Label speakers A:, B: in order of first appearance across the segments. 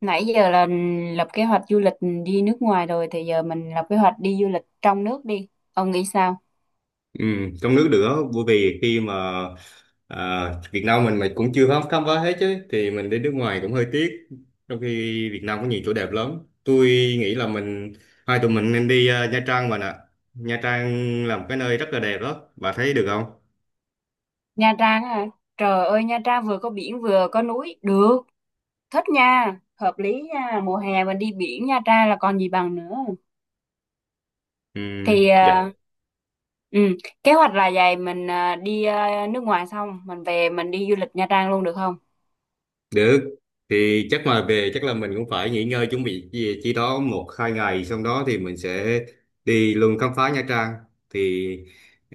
A: Nãy giờ là lập kế hoạch du lịch đi nước ngoài rồi thì giờ mình lập kế hoạch đi du lịch trong nước đi. Ông nghĩ sao?
B: Ừ, trong nước được á, bởi vì khi mà à, Việt Nam mình cũng chưa khám khám phá hết chứ thì mình đi nước ngoài cũng hơi tiếc, trong khi Việt Nam có nhiều chỗ đẹp lắm. Tôi nghĩ là hai tụi mình nên đi, Nha Trang mà nè. Nha Trang là một cái nơi rất là đẹp đó, bà thấy được không?
A: Nha Trang hả? Trời ơi, Nha Trang vừa có biển vừa có núi, được, thích nha, hợp lý nha, mùa hè mình đi biển Nha Trang là còn gì bằng nữa.
B: Ừ,
A: Thì
B: dạ.
A: à, ừ, kế hoạch là vậy, mình đi nước ngoài xong mình về mình đi du lịch Nha Trang luôn được không?
B: Được, thì chắc mà về chắc là mình cũng phải nghỉ ngơi chuẩn bị chi đó một hai ngày, xong đó thì mình sẽ đi luôn khám phá Nha Trang. Thì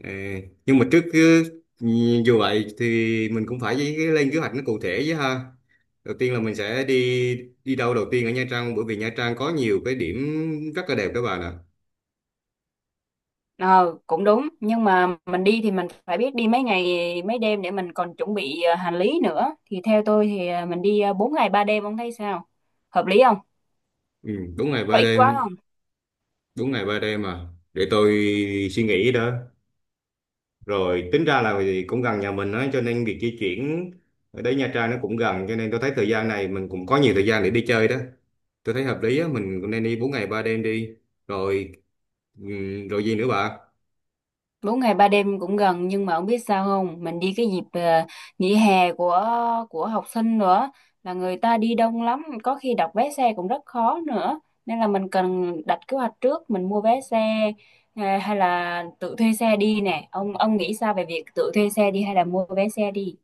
B: ờ, nhưng mà dù vậy thì mình cũng phải lên kế hoạch nó cụ thể chứ ha. Đầu tiên là mình sẽ đi đi đâu đầu tiên ở Nha Trang, bởi vì Nha Trang có nhiều cái điểm rất là đẹp các bạn ạ.
A: Ờ, cũng đúng, nhưng mà mình đi thì mình phải biết đi mấy ngày mấy đêm để mình còn chuẩn bị hành lý nữa. Thì theo tôi thì mình đi 4 ngày 3 đêm, ông thấy sao? Hợp lý không?
B: Ừ, đúng ngày
A: Có
B: ba
A: ít quá
B: đêm,
A: không?
B: đúng ngày ba đêm mà, để tôi suy nghĩ đó. Rồi tính ra là vì cũng gần nhà mình á, cho nên việc di chuyển ở đấy Nha Trang nó cũng gần, cho nên tôi thấy thời gian này mình cũng có nhiều thời gian để đi chơi đó. Tôi thấy hợp lý á, mình cũng nên đi 4 ngày 3 đêm đi. Rồi rồi gì nữa bà?
A: 4 ngày 3 đêm cũng gần, nhưng mà ông biết sao không? Mình đi cái dịp nghỉ hè của học sinh nữa, là người ta đi đông lắm, có khi đặt vé xe cũng rất khó nữa. Nên là mình cần đặt kế hoạch trước, mình mua vé xe, hay là tự thuê xe đi nè. Ông nghĩ sao về việc tự thuê xe đi hay là mua vé xe đi?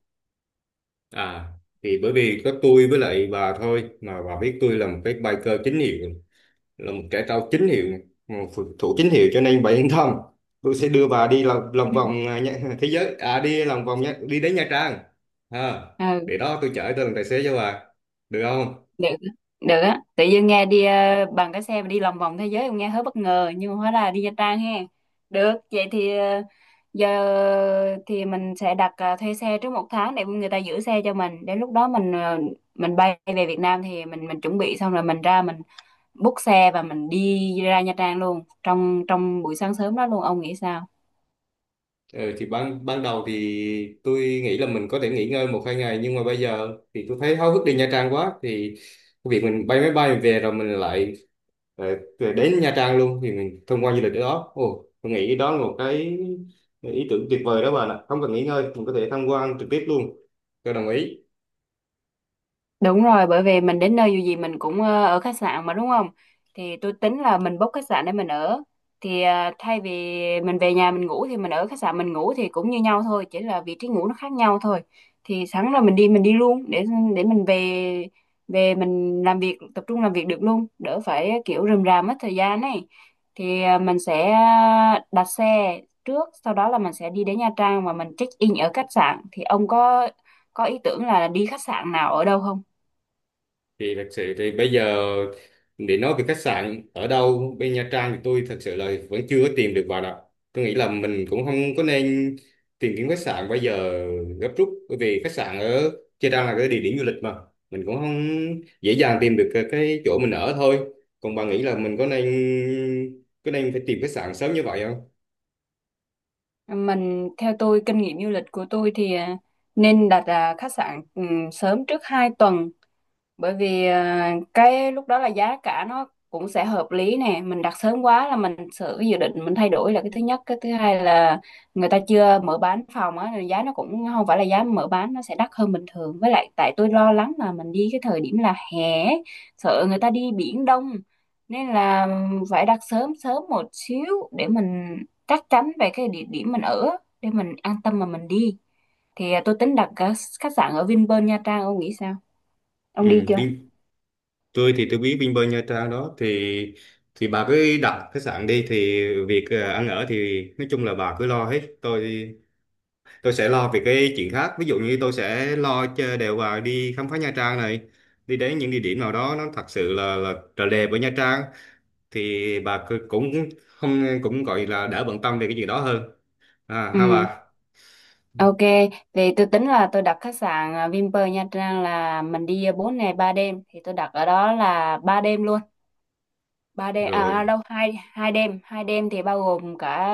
B: à thì bởi vì có tôi với lại bà thôi, mà bà biết tôi là một cái biker chính hiệu, là một cái tàu chính hiệu này, một phù thủ chính hiệu, cho nên bà yên tâm. Tôi sẽ đưa bà đi lòng vòng thế giới, đi lòng vòng nhá, đi đến Nha Trang. à,
A: Ừ,
B: để đó tôi chở, tôi làm tài xế cho bà được không?
A: được, được á. Tự nhiên nghe đi bằng cái xe mà đi lòng vòng thế giới cũng nghe hơi bất ngờ, nhưng mà hóa là đi Nha Trang ha. Được, vậy thì giờ thì mình sẽ đặt thuê xe trước 1 tháng để người ta giữ xe cho mình, đến lúc đó mình mình bay về Việt Nam thì mình chuẩn bị xong rồi mình ra mình book xe và mình đi ra Nha Trang luôn trong trong buổi sáng sớm đó luôn, ông nghĩ sao?
B: Ừ, thì ban ban đầu thì tôi nghĩ là mình có thể nghỉ ngơi một hai ngày, nhưng mà bây giờ thì tôi thấy háo hức đi Nha Trang quá. Thì cái việc mình bay máy bay mình về rồi mình lại, ờ, về đến Nha Trang luôn, thì mình thông qua du lịch ở đó. Ồ, tôi nghĩ đó là một cái ý tưởng tuyệt vời đó bạn ạ, không cần nghỉ ngơi, mình có thể tham quan trực tiếp luôn. Tôi đồng ý.
A: Đúng rồi, bởi vì mình đến nơi dù gì mình cũng ở khách sạn mà, đúng không? Thì tôi tính là mình book khách sạn để mình ở. Thì thay vì mình về nhà mình ngủ thì mình ở khách sạn mình ngủ thì cũng như nhau thôi, chỉ là vị trí ngủ nó khác nhau thôi. Thì sẵn là mình đi, mình đi luôn để mình về, về mình làm việc, tập trung làm việc được luôn, đỡ phải kiểu rườm rà mất thời gian này. Thì mình sẽ đặt xe trước, sau đó là mình sẽ đi đến Nha Trang và mình check in ở khách sạn. Thì ông có ý tưởng là đi khách sạn nào ở đâu không?
B: Thì thật sự thì bây giờ để nói về khách sạn ở đâu bên Nha Trang, thì tôi thật sự là vẫn chưa có tìm được vào đó. Tôi nghĩ là mình cũng không có nên tìm kiếm khách sạn bây giờ gấp rút, bởi vì khách sạn ở Nha Trang là cái địa điểm du lịch mà mình cũng không dễ dàng tìm được cái chỗ mình ở thôi. Còn bà nghĩ là mình có nên phải tìm khách sạn sớm như vậy không?
A: Mình, theo tôi, kinh nghiệm du lịch của tôi thì nên đặt khách sạn sớm trước 2 tuần, bởi vì cái lúc đó là giá cả nó cũng sẽ hợp lý nè, mình đặt sớm quá là mình sự cái dự định mình thay đổi là cái thứ nhất, cái thứ hai là người ta chưa mở bán phòng á nên giá nó cũng không phải là giá mở bán, nó sẽ đắt hơn bình thường, với lại tại tôi lo lắng là mình đi cái thời điểm là hè ấy, sợ người ta đi biển đông, nên là phải đặt sớm sớm một xíu để mình chắc chắn về cái địa điểm mình ở, để mình an tâm mà mình đi. Thì tôi tính đặt khách sạn ở Vinpearl Nha Trang, ông nghĩ sao? Ông đi
B: Ừ,
A: chưa?
B: tôi thì tôi biết Vinpearl Nha Trang đó, thì bà cứ đặt khách sạn đi. Thì việc ăn ở thì nói chung là bà cứ lo hết, tôi sẽ lo về cái chuyện khác. Ví dụ như tôi sẽ lo cho đều bà đi khám phá Nha Trang này, đi đến những địa điểm nào đó nó thật sự là trời đẹp ở Nha Trang. Thì cũng không, cũng gọi là đỡ bận tâm về cái chuyện đó hơn. À ha
A: Ừ,
B: bà.
A: ok. Thì tôi tính là tôi đặt khách sạn Vinpearl Nha Trang là mình đi 4 ngày 3 đêm. Thì tôi đặt ở đó là 3 đêm luôn, 3 đêm
B: Rồi,
A: đâu, hai hai đêm thì bao gồm cả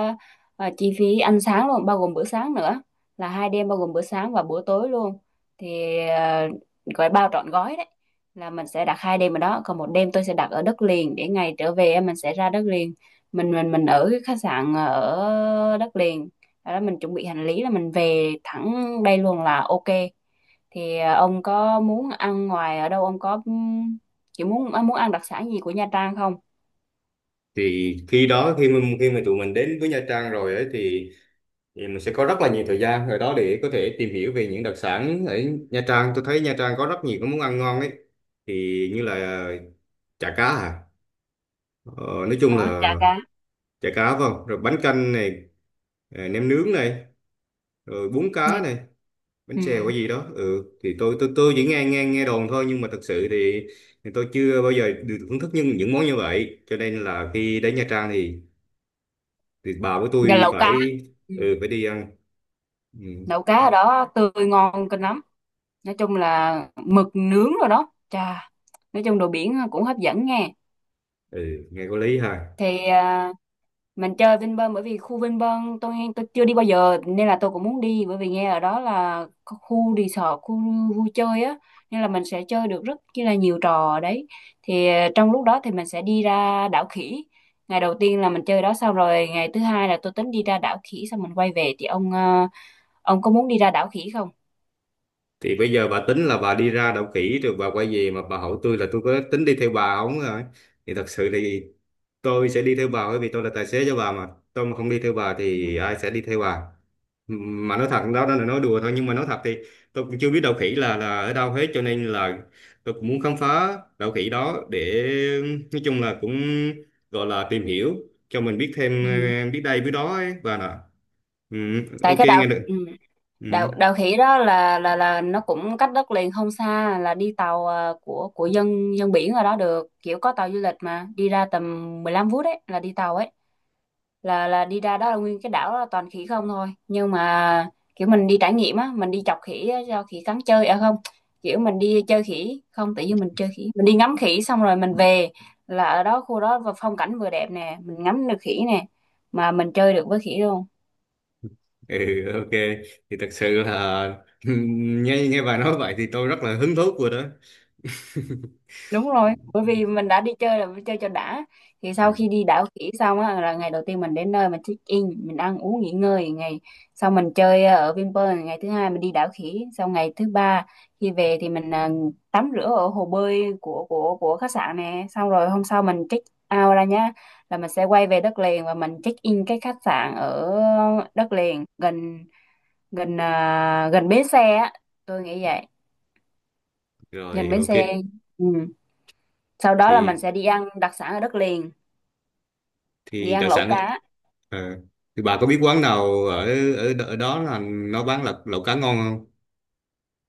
A: chi phí ăn sáng luôn, bao gồm bữa sáng nữa, là 2 đêm bao gồm bữa sáng và bữa tối luôn, thì gọi bao trọn gói đấy. Là mình sẽ đặt 2 đêm ở đó, còn 1 đêm tôi sẽ đặt ở đất liền để ngày trở về mình sẽ ra đất liền, mình ở cái khách sạn ở đất liền. Sau đó mình chuẩn bị hành lý là mình về thẳng đây luôn là ok. Thì ông có muốn ăn ngoài ở đâu, ông có kiểu muốn muốn ăn đặc sản gì của Nha Trang không?
B: thì khi đó khi mà tụi mình đến với Nha Trang rồi ấy, thì mình sẽ có rất là nhiều thời gian rồi đó để có thể tìm hiểu về những đặc sản ở Nha Trang. Tôi thấy Nha Trang có rất nhiều cái món ăn ngon ấy, thì như là chả cá, nói chung
A: Có
B: là
A: chả cá
B: chả cá phải không, rồi bánh canh này, nem nướng này, rồi bún
A: nha.
B: cá này, bánh
A: Ừ.
B: xèo cái gì đó. Ừ, thì tôi chỉ nghe nghe nghe đồn thôi, nhưng mà thật sự thì, tôi chưa bao giờ được thưởng thức những món như vậy, cho nên là khi đến Nha Trang thì bà của
A: Và
B: tôi
A: lẩu cá.
B: phải,
A: Ừ.
B: ừ, phải đi ăn. Ừ,
A: Lẩu cá ở đó tươi ngon kinh lắm, nói chung là mực nướng rồi, đó, chà, nói chung đồ biển cũng hấp dẫn nghe.
B: ừ nghe có lý ha.
A: Thì mình chơi Vinpearl, bởi vì khu Vinpearl tôi chưa đi bao giờ nên là tôi cũng muốn đi, bởi vì nghe ở đó là có khu resort, khu vui chơi á, nên là mình sẽ chơi được rất chi là nhiều trò ở đấy. Thì trong lúc đó thì mình sẽ đi ra đảo khỉ. Ngày đầu tiên là mình chơi đó, xong rồi ngày thứ hai là tôi tính đi ra đảo khỉ xong mình quay về, thì ông ông có muốn đi ra đảo khỉ không?
B: Thì bây giờ bà tính là bà đi ra đậu kỹ rồi bà quay về, mà bà hỏi tôi là tôi có tính đi theo bà không rồi. Thì thật sự thì tôi sẽ đi theo bà, bởi vì tôi là tài xế cho bà mà, tôi mà không đi theo bà
A: Ừ.
B: thì ai sẽ đi theo bà? Mà nói thật đó, đó là nói đùa thôi, nhưng mà nói thật thì tôi cũng chưa biết đậu khỉ là ở đâu hết, cho nên là tôi cũng muốn khám phá đậu khỉ đó để nói chung là cũng gọi là tìm hiểu cho mình biết thêm,
A: Ừ.
B: biết đây biết đó ấy bà nè. Ừ,
A: Tại
B: ok
A: cái đảo,
B: nghe
A: ừ,
B: được. Ừ.
A: đạo đạo khỉ đó là nó cũng cách đất liền không xa, là đi tàu của dân dân biển ở đó được, kiểu có tàu du lịch mà đi ra tầm 15 phút đấy, là đi tàu ấy, là đi ra đó là nguyên cái đảo đó là toàn khỉ không thôi, nhưng mà kiểu mình đi trải nghiệm á, mình đi chọc khỉ á, cho khỉ cắn chơi, à không, kiểu mình đi chơi khỉ không, tự nhiên mình chơi khỉ, mình đi ngắm khỉ xong rồi mình về. Là ở đó khu đó và phong cảnh vừa đẹp nè, mình ngắm được khỉ nè, mà mình chơi được với khỉ luôn.
B: Ừ, ok thì thật sự là nghe nghe bà nói vậy thì tôi rất là hứng thú rồi đó.
A: Đúng rồi, bởi vì mình đã đi chơi là phải chơi cho đã. Thì
B: Ừ,
A: sau khi đi đảo khỉ xong á là ngày đầu tiên mình đến nơi mình check in, mình ăn uống nghỉ ngơi, ngày sau mình chơi ở Vinpearl, ngày thứ hai mình đi đảo khỉ, sau ngày thứ ba khi về thì mình tắm rửa ở hồ bơi của khách sạn nè, xong rồi hôm sau mình check out ra nhá, là mình sẽ quay về đất liền và mình check in cái khách sạn ở đất liền, gần gần gần bến xe á, tôi nghĩ vậy, gần
B: rồi
A: bến
B: ok.
A: xe. Ừ. Sau đó là mình
B: thì
A: sẽ đi ăn đặc sản ở đất liền, đi
B: thì
A: ăn
B: đặc
A: lẩu
B: sản,
A: cá.
B: ờ, thì bà có biết quán nào ở ở, đ- ở đó là nó bán lẩu lẩu cá ngon không?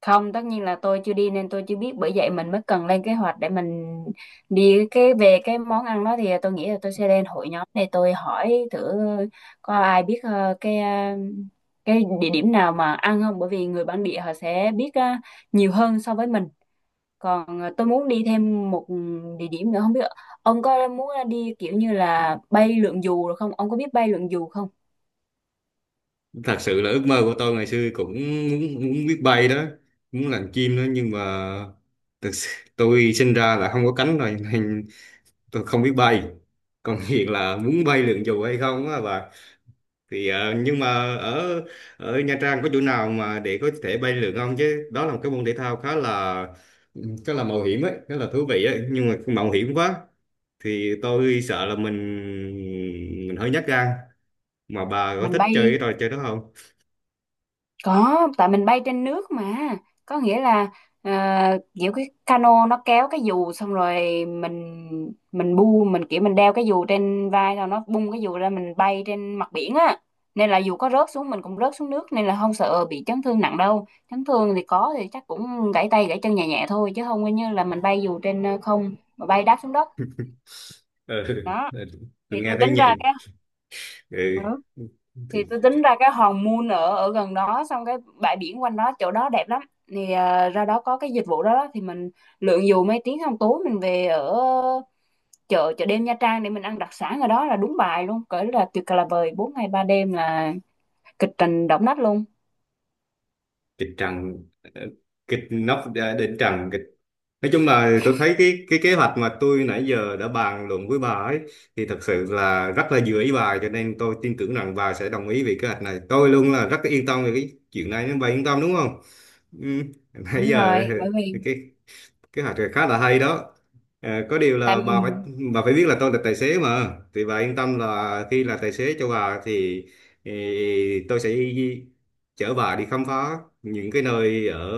A: Không, tất nhiên là tôi chưa đi nên tôi chưa biết, bởi vậy mình mới cần lên kế hoạch để mình đi cái về cái món ăn đó, thì tôi nghĩ là tôi sẽ lên hội nhóm để tôi hỏi thử có ai biết cái cái địa điểm nào mà ăn không, bởi vì người bản địa họ sẽ biết nhiều hơn so với mình. Còn tôi muốn đi thêm một địa điểm nữa, không biết ông có muốn đi kiểu như là bay lượn dù rồi không, ông có biết bay lượn dù không?
B: Thật sự là ước mơ của tôi ngày xưa cũng muốn biết bay đó, muốn làm chim đó, nhưng mà thật sự, tôi sinh ra là không có cánh rồi nên tôi không biết bay. Còn hiện là muốn bay lượn dù hay không á bà? Thì nhưng mà ở ở Nha Trang có chỗ nào mà để có thể bay lượn không chứ? Đó là một cái môn thể thao khá là mạo hiểm ấy, khá là thú vị ấy, nhưng mà mạo hiểm quá, thì tôi sợ là mình hơi nhát gan. Mà bà có
A: Mình
B: thích
A: bay
B: chơi cái trò chơi đó không?
A: Có, tại mình bay trên nước mà. Có nghĩa là, kiểu cái cano nó kéo cái dù xong rồi mình bu, mình kiểu mình đeo cái dù trên vai rồi nó bung cái dù ra, mình bay trên mặt biển á. Nên là dù có rớt xuống mình cũng rớt xuống nước nên là không sợ bị chấn thương nặng đâu. Chấn thương thì có thì chắc cũng gãy tay gãy chân nhẹ nhẹ thôi, chứ không có như là mình bay dù trên không mà bay đáp xuống đất.
B: Ừ.
A: Đó.
B: Tôi
A: Thì
B: nghe
A: tôi
B: thấy
A: tính ra
B: nhạy.
A: cái
B: Ừ.
A: Ừ. Thì tôi tính ra cái hòn Moon ở ở gần đó, xong cái bãi biển quanh đó chỗ đó đẹp lắm. Thì ra đó có cái dịch vụ đó, đó thì mình lượn dù mấy tiếng, xong tối mình về ở chợ chợ đêm Nha Trang để mình ăn đặc sản ở đó là đúng bài luôn, cỡ là tuyệt là vời. 4 ngày 3 đêm là kịch trình động đất luôn.
B: Kịch trần, ờ, kịch nóc, đỉnh trần kịch. Nói chung là tôi thấy cái kế hoạch mà tôi nãy giờ đã bàn luận với bà ấy, thì thật sự là rất là vừa ý bà, cho nên tôi tin tưởng rằng bà sẽ đồng ý về kế hoạch này. Tôi luôn là rất yên tâm về cái chuyện này nên bà yên tâm đúng không? Ừ. Nãy
A: Đúng
B: giờ
A: rồi, bởi vì
B: cái kế hoạch này khá là hay đó. Ờ, có điều
A: tại,
B: là bà phải biết là tôi là tài xế mà, thì bà yên tâm là khi là tài xế cho bà thì, tôi sẽ chở bà đi khám phá những cái nơi ở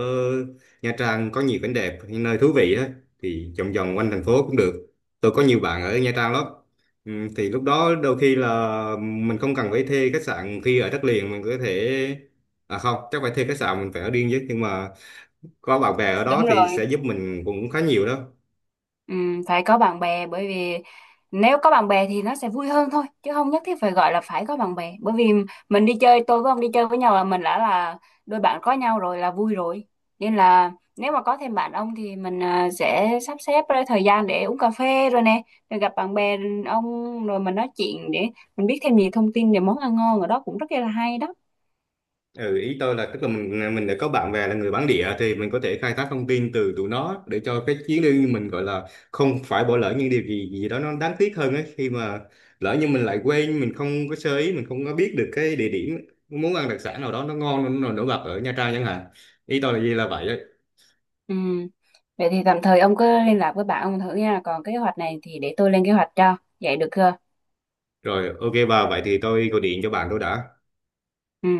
B: Nha Trang có nhiều cảnh đẹp, những nơi thú vị á, thì vòng vòng quanh thành phố cũng được. Tôi có nhiều bạn ở Nha Trang lắm. Ừ, thì lúc đó đôi khi là mình không cần phải thuê khách sạn khi ở đất liền, mình có thể, không chắc phải thuê khách sạn, mình phải ở riêng chứ, nhưng mà có bạn bè ở
A: đúng
B: đó thì
A: rồi.
B: sẽ giúp mình cũng khá nhiều đó.
A: Phải có bạn bè, bởi vì nếu có bạn bè thì nó sẽ vui hơn thôi, chứ không nhất thiết phải gọi là phải có bạn bè, bởi vì mình đi chơi, tôi với ông đi chơi với nhau là mình đã là đôi bạn có nhau rồi là vui rồi. Nên là nếu mà có thêm bạn ông thì mình sẽ sắp xếp ra thời gian để uống cà phê rồi nè, rồi gặp bạn bè ông, rồi mình nói chuyện để mình biết thêm nhiều thông tin về món ăn ngon ở đó cũng rất là hay đó.
B: Ừ, ý tôi là tức là mình đã có bạn bè là người bản địa, thì mình có thể khai thác thông tin từ tụi nó để cho cái chuyến đi mình gọi là không phải bỏ lỡ những điều gì gì đó nó đáng tiếc hơn ấy, khi mà lỡ như mình lại quên, mình không có sơ ý, mình không có biết được cái địa điểm muốn ăn đặc sản nào đó nó ngon nó nổi bật ở Nha Trang chẳng hạn. Ý tôi là gì là vậy ấy.
A: Ừm. Vậy thì tạm thời ông cứ liên lạc với bạn ông thử nha, còn cái kế hoạch này thì để tôi lên kế hoạch cho, vậy được chưa?
B: Rồi ok bà, vậy thì tôi gọi điện cho bạn tôi đã.
A: Ừ.